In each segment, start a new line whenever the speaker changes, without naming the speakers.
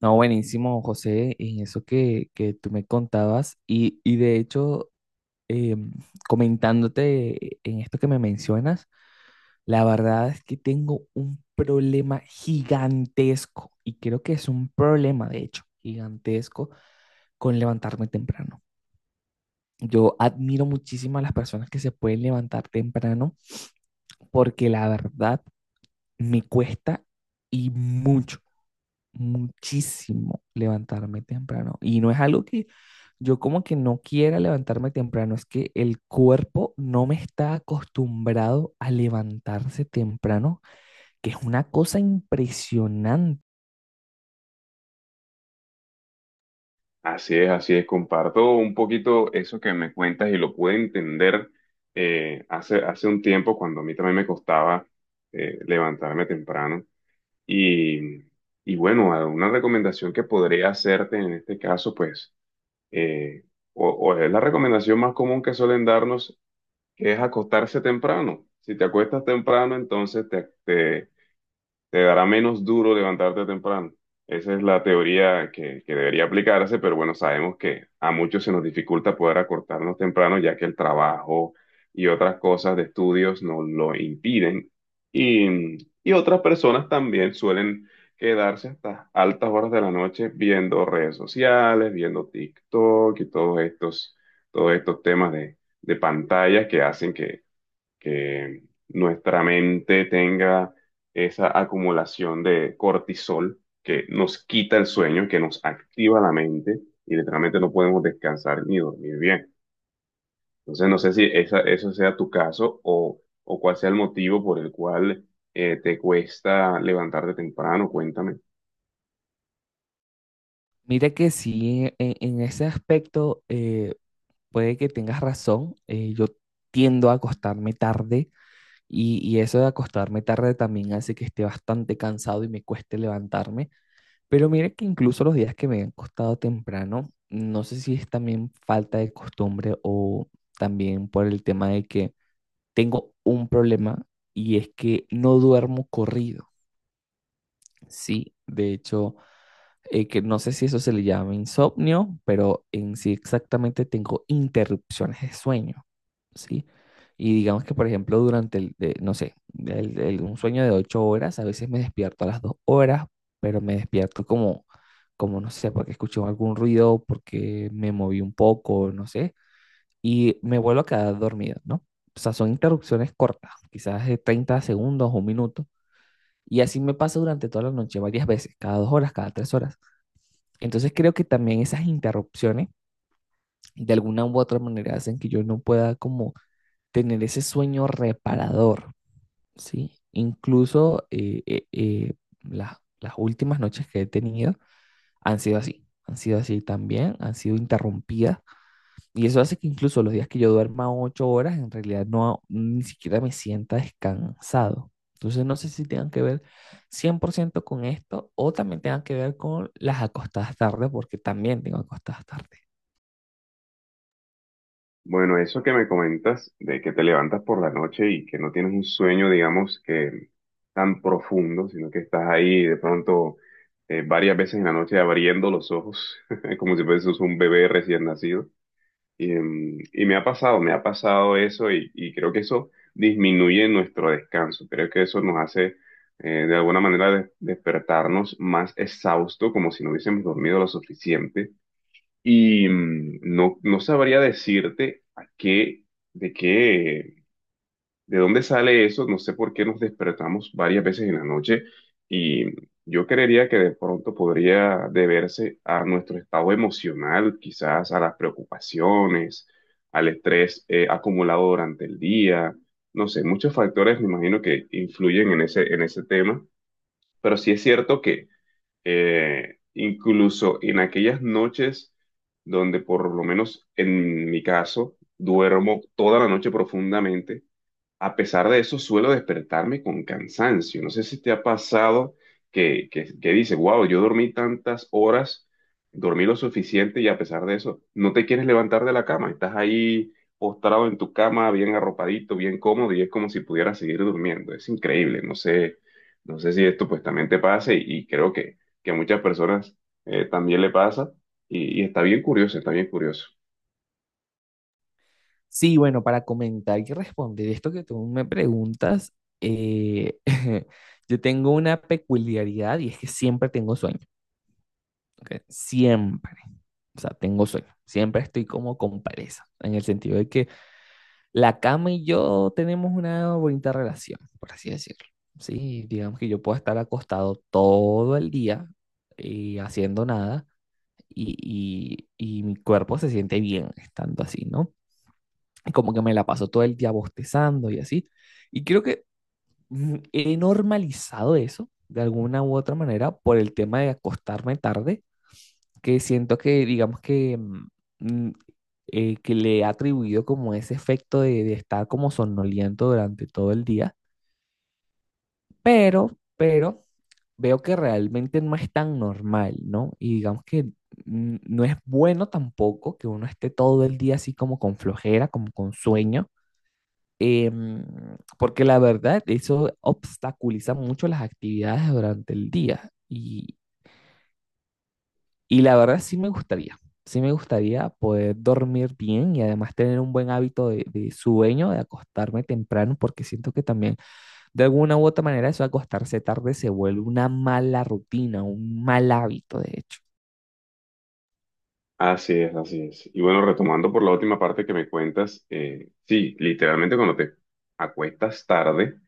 No, buenísimo, José, en eso que, tú me contabas y, de hecho, em, comentándote en esto que me mencionas, la verdad es que tengo un problema gigantesco y creo que es un problema, de hecho, gigantesco con levantarme temprano. Yo admiro muchísimo a las personas que se pueden levantar temprano porque la verdad me cuesta y mucho. Muchísimo levantarme temprano. Y no es algo que yo como que no quiera levantarme temprano, es que el cuerpo no me está acostumbrado a levantarse temprano, que es una cosa impresionante.
Así es, así es. Comparto un poquito eso que me cuentas y lo pude entender hace un tiempo cuando a mí también me costaba levantarme temprano. Y, y bueno, una recomendación que podría hacerte en este caso, pues, eh, o es la recomendación más común que suelen darnos, que es acostarse temprano. Si te acuestas temprano, entonces te dará menos duro levantarte temprano. Esa es la teoría que debería aplicarse, pero bueno, sabemos que a muchos se nos dificulta poder acortarnos temprano, ya que el trabajo y otras cosas de estudios nos lo impiden. Y otras personas también suelen quedarse hasta altas horas de la noche viendo redes sociales, viendo TikTok y todos estos temas de pantallas que hacen que nuestra mente tenga esa acumulación de cortisol que nos quita el sueño, que nos activa la mente y literalmente no podemos descansar ni dormir bien. Entonces, no sé si eso sea tu caso o cuál sea el motivo por el cual te cuesta levantarte temprano, cuéntame.
Mira que sí, en ese aspecto puede que tengas razón, yo tiendo a acostarme tarde. Y, eso de acostarme tarde también hace que esté bastante cansado y me cueste levantarme. Pero mire que incluso los días que me han costado temprano, no sé si es también falta de costumbre o también por el tema de que tengo un problema y es que no duermo corrido. Sí, de hecho, que no sé si eso se le llama insomnio, pero en sí exactamente tengo interrupciones de sueño, ¿sí? Y digamos que, por ejemplo, durante no sé, un sueño de 8 horas, a veces me despierto a las 2 horas, pero me despierto como no sé, porque escuché algún ruido, porque me moví un poco, no sé, y me vuelvo a quedar dormido, ¿no? O sea, son interrupciones cortas, quizás de 30 segundos o 1 minuto, y así me pasa durante toda la noche, varias veces, cada 2 horas, cada 3 horas. Entonces creo que también esas interrupciones de alguna u otra manera hacen que yo no pueda como tener ese sueño reparador, ¿sí? Incluso las últimas noches que he tenido han sido así también, han sido interrumpidas y eso hace que incluso los días que yo duerma 8 horas en realidad no ni siquiera me sienta descansado. Entonces no sé si tengan que ver 100% con esto o también tengan que ver con las acostadas tarde, porque también tengo acostadas tarde.
Bueno, eso que me comentas de que te levantas por la noche y que no tienes un sueño, digamos, que tan profundo, sino que estás ahí de pronto varias veces en la noche abriendo los ojos, como si fueses un bebé recién nacido. Y me ha pasado eso y creo que eso disminuye nuestro descanso. Creo que eso nos hace de alguna manera despertarnos más exhausto, como si no hubiésemos dormido lo suficiente y no sabría decirte a de qué, de dónde sale eso. No sé por qué nos despertamos varias veces en la noche. Y yo creería que de pronto podría deberse a nuestro estado emocional, quizás a las preocupaciones, al estrés acumulado durante el día. No sé, muchos factores me imagino que influyen en en ese tema. Pero sí es cierto que incluso en aquellas noches donde por lo menos en mi caso duermo toda la noche profundamente a pesar de eso, suelo despertarme con cansancio. No sé si te ha pasado que dices, wow, yo dormí tantas horas, dormí lo suficiente y a pesar de eso, no te quieres levantar de la cama. Estás ahí postrado en tu cama, bien arropadito, bien cómodo y es como si pudieras seguir durmiendo. Es increíble. No sé si esto pues también te pase y creo que a muchas personas también le pasa y está bien curioso, está bien curioso.
Sí, bueno, para comentar y responder esto que tú me preguntas, eh, yo tengo una peculiaridad y es que siempre tengo sueño, ¿ok? Siempre, o sea, tengo sueño, siempre estoy como con pereza, en el sentido de que la cama y yo tenemos una bonita relación, por así decirlo, ¿sí? Digamos que yo puedo estar acostado todo el día y haciendo nada y, y mi cuerpo se siente bien estando así, ¿no? Y como que me la paso todo el día bostezando y así. Y creo que he normalizado eso de alguna u otra manera por el tema de acostarme tarde, que siento que, digamos que, mm, que le he atribuido como ese efecto de, estar como somnoliento durante todo el día, pero, pero veo que realmente no es tan normal, ¿no? Y digamos que no es bueno tampoco que uno esté todo el día así como con flojera, como con sueño. Em, Porque la verdad, eso obstaculiza mucho las actividades durante el día. Y, la verdad sí me gustaría poder dormir bien y además tener un buen hábito de, sueño, de acostarme temprano, porque siento que también de alguna u otra manera eso de acostarse tarde se vuelve una mala rutina, un mal hábito, de hecho.
Así es, así es. Y bueno, retomando por la última parte que me cuentas, sí, literalmente cuando te acuestas tarde,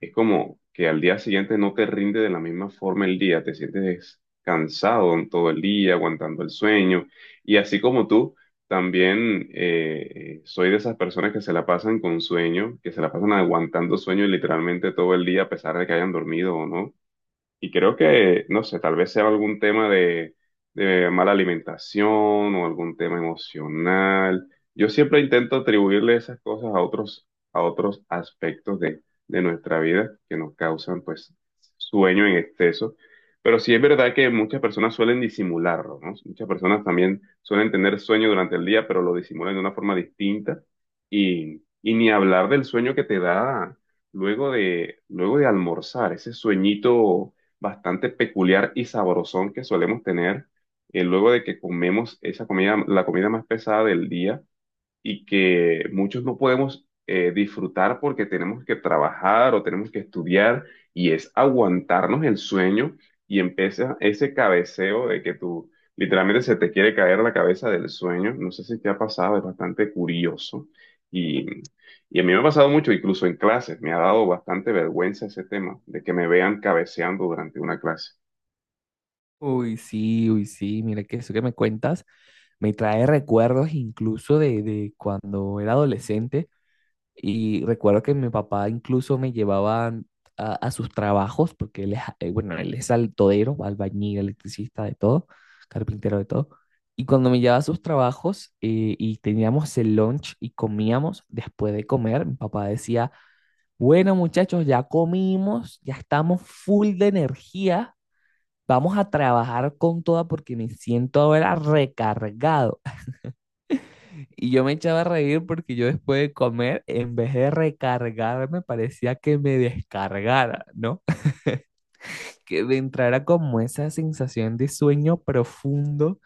es como que al día siguiente no te rinde de la misma forma el día, te sientes cansado en todo el día, aguantando el sueño. Y así como tú, también soy de esas personas que se la pasan con sueño, que se la pasan aguantando sueño literalmente todo el día, a pesar de que hayan dormido o no. Y creo que, no sé, tal vez sea algún tema de mala alimentación o algún tema emocional. Yo siempre intento atribuirle esas cosas a otros aspectos de nuestra vida que nos causan, pues, sueño en exceso. Pero sí es verdad que muchas personas suelen disimularlo, ¿no? Muchas personas también suelen tener sueño durante el día, pero lo disimulan de una forma distinta. Y ni hablar del sueño que te da luego de almorzar, ese sueñito bastante peculiar y sabrosón que solemos tener luego de que comemos esa comida, la comida más pesada del día y que muchos no podemos disfrutar porque tenemos que trabajar o tenemos que estudiar y es aguantarnos el sueño y empieza ese cabeceo de que tú literalmente se te quiere caer la cabeza del sueño. No sé si te ha pasado, es bastante curioso y, y a mí me ha pasado mucho, incluso en clases, me ha dado bastante vergüenza ese tema de que me vean cabeceando durante una clase.
Uy, sí, mira que eso que me cuentas me trae recuerdos incluso de, cuando era adolescente. Y recuerdo que mi papá incluso me llevaba a, sus trabajos, porque él es, bueno, él es altodero, albañil, electricista, de todo, carpintero, de todo. Y cuando me llevaba a sus trabajos y teníamos el lunch y comíamos, después de comer, mi papá decía, bueno muchachos, ya comimos, ya estamos full de energía, vamos a trabajar con toda porque me siento ahora recargado. Y yo me echaba a reír porque yo después de comer, en vez de recargarme, parecía que me descargara, ¿no? Que me entrara como esa sensación de sueño profundo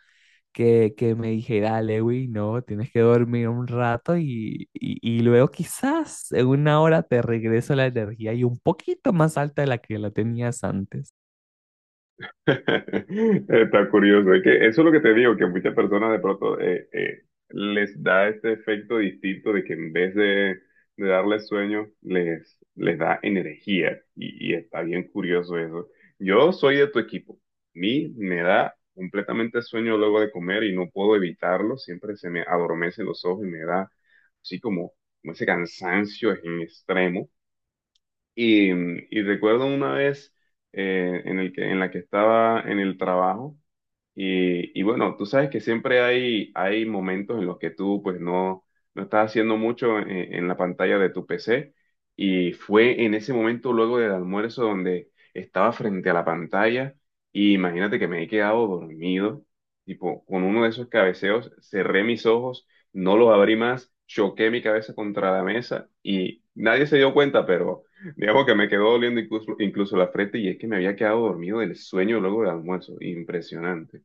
que, me dijera, Lewi, no, tienes que dormir un rato y, y luego quizás en 1 hora te regreso la energía y un poquito más alta de la que la tenías antes.
Está curioso, es que eso es lo que te digo, que muchas personas de pronto les da este efecto distinto de que en vez de darles sueño, les da energía y está bien curioso eso. Yo soy de tu equipo, a mí me da completamente sueño luego de comer y no puedo evitarlo, siempre se me adormecen los ojos y me da así como, como ese cansancio en extremo y recuerdo una vez en la que estaba en el trabajo. Y bueno, tú sabes que siempre hay momentos en los que tú pues no estás haciendo mucho en la pantalla de tu PC y fue en ese momento luego del almuerzo donde estaba frente a la pantalla y imagínate que me he quedado dormido, tipo con uno de esos cabeceos, cerré mis ojos, no los abrí más, choqué mi cabeza contra la mesa y nadie se dio cuenta, pero digamos que me quedó doliendo incluso la frente y es que me había quedado dormido del sueño luego del almuerzo, impresionante.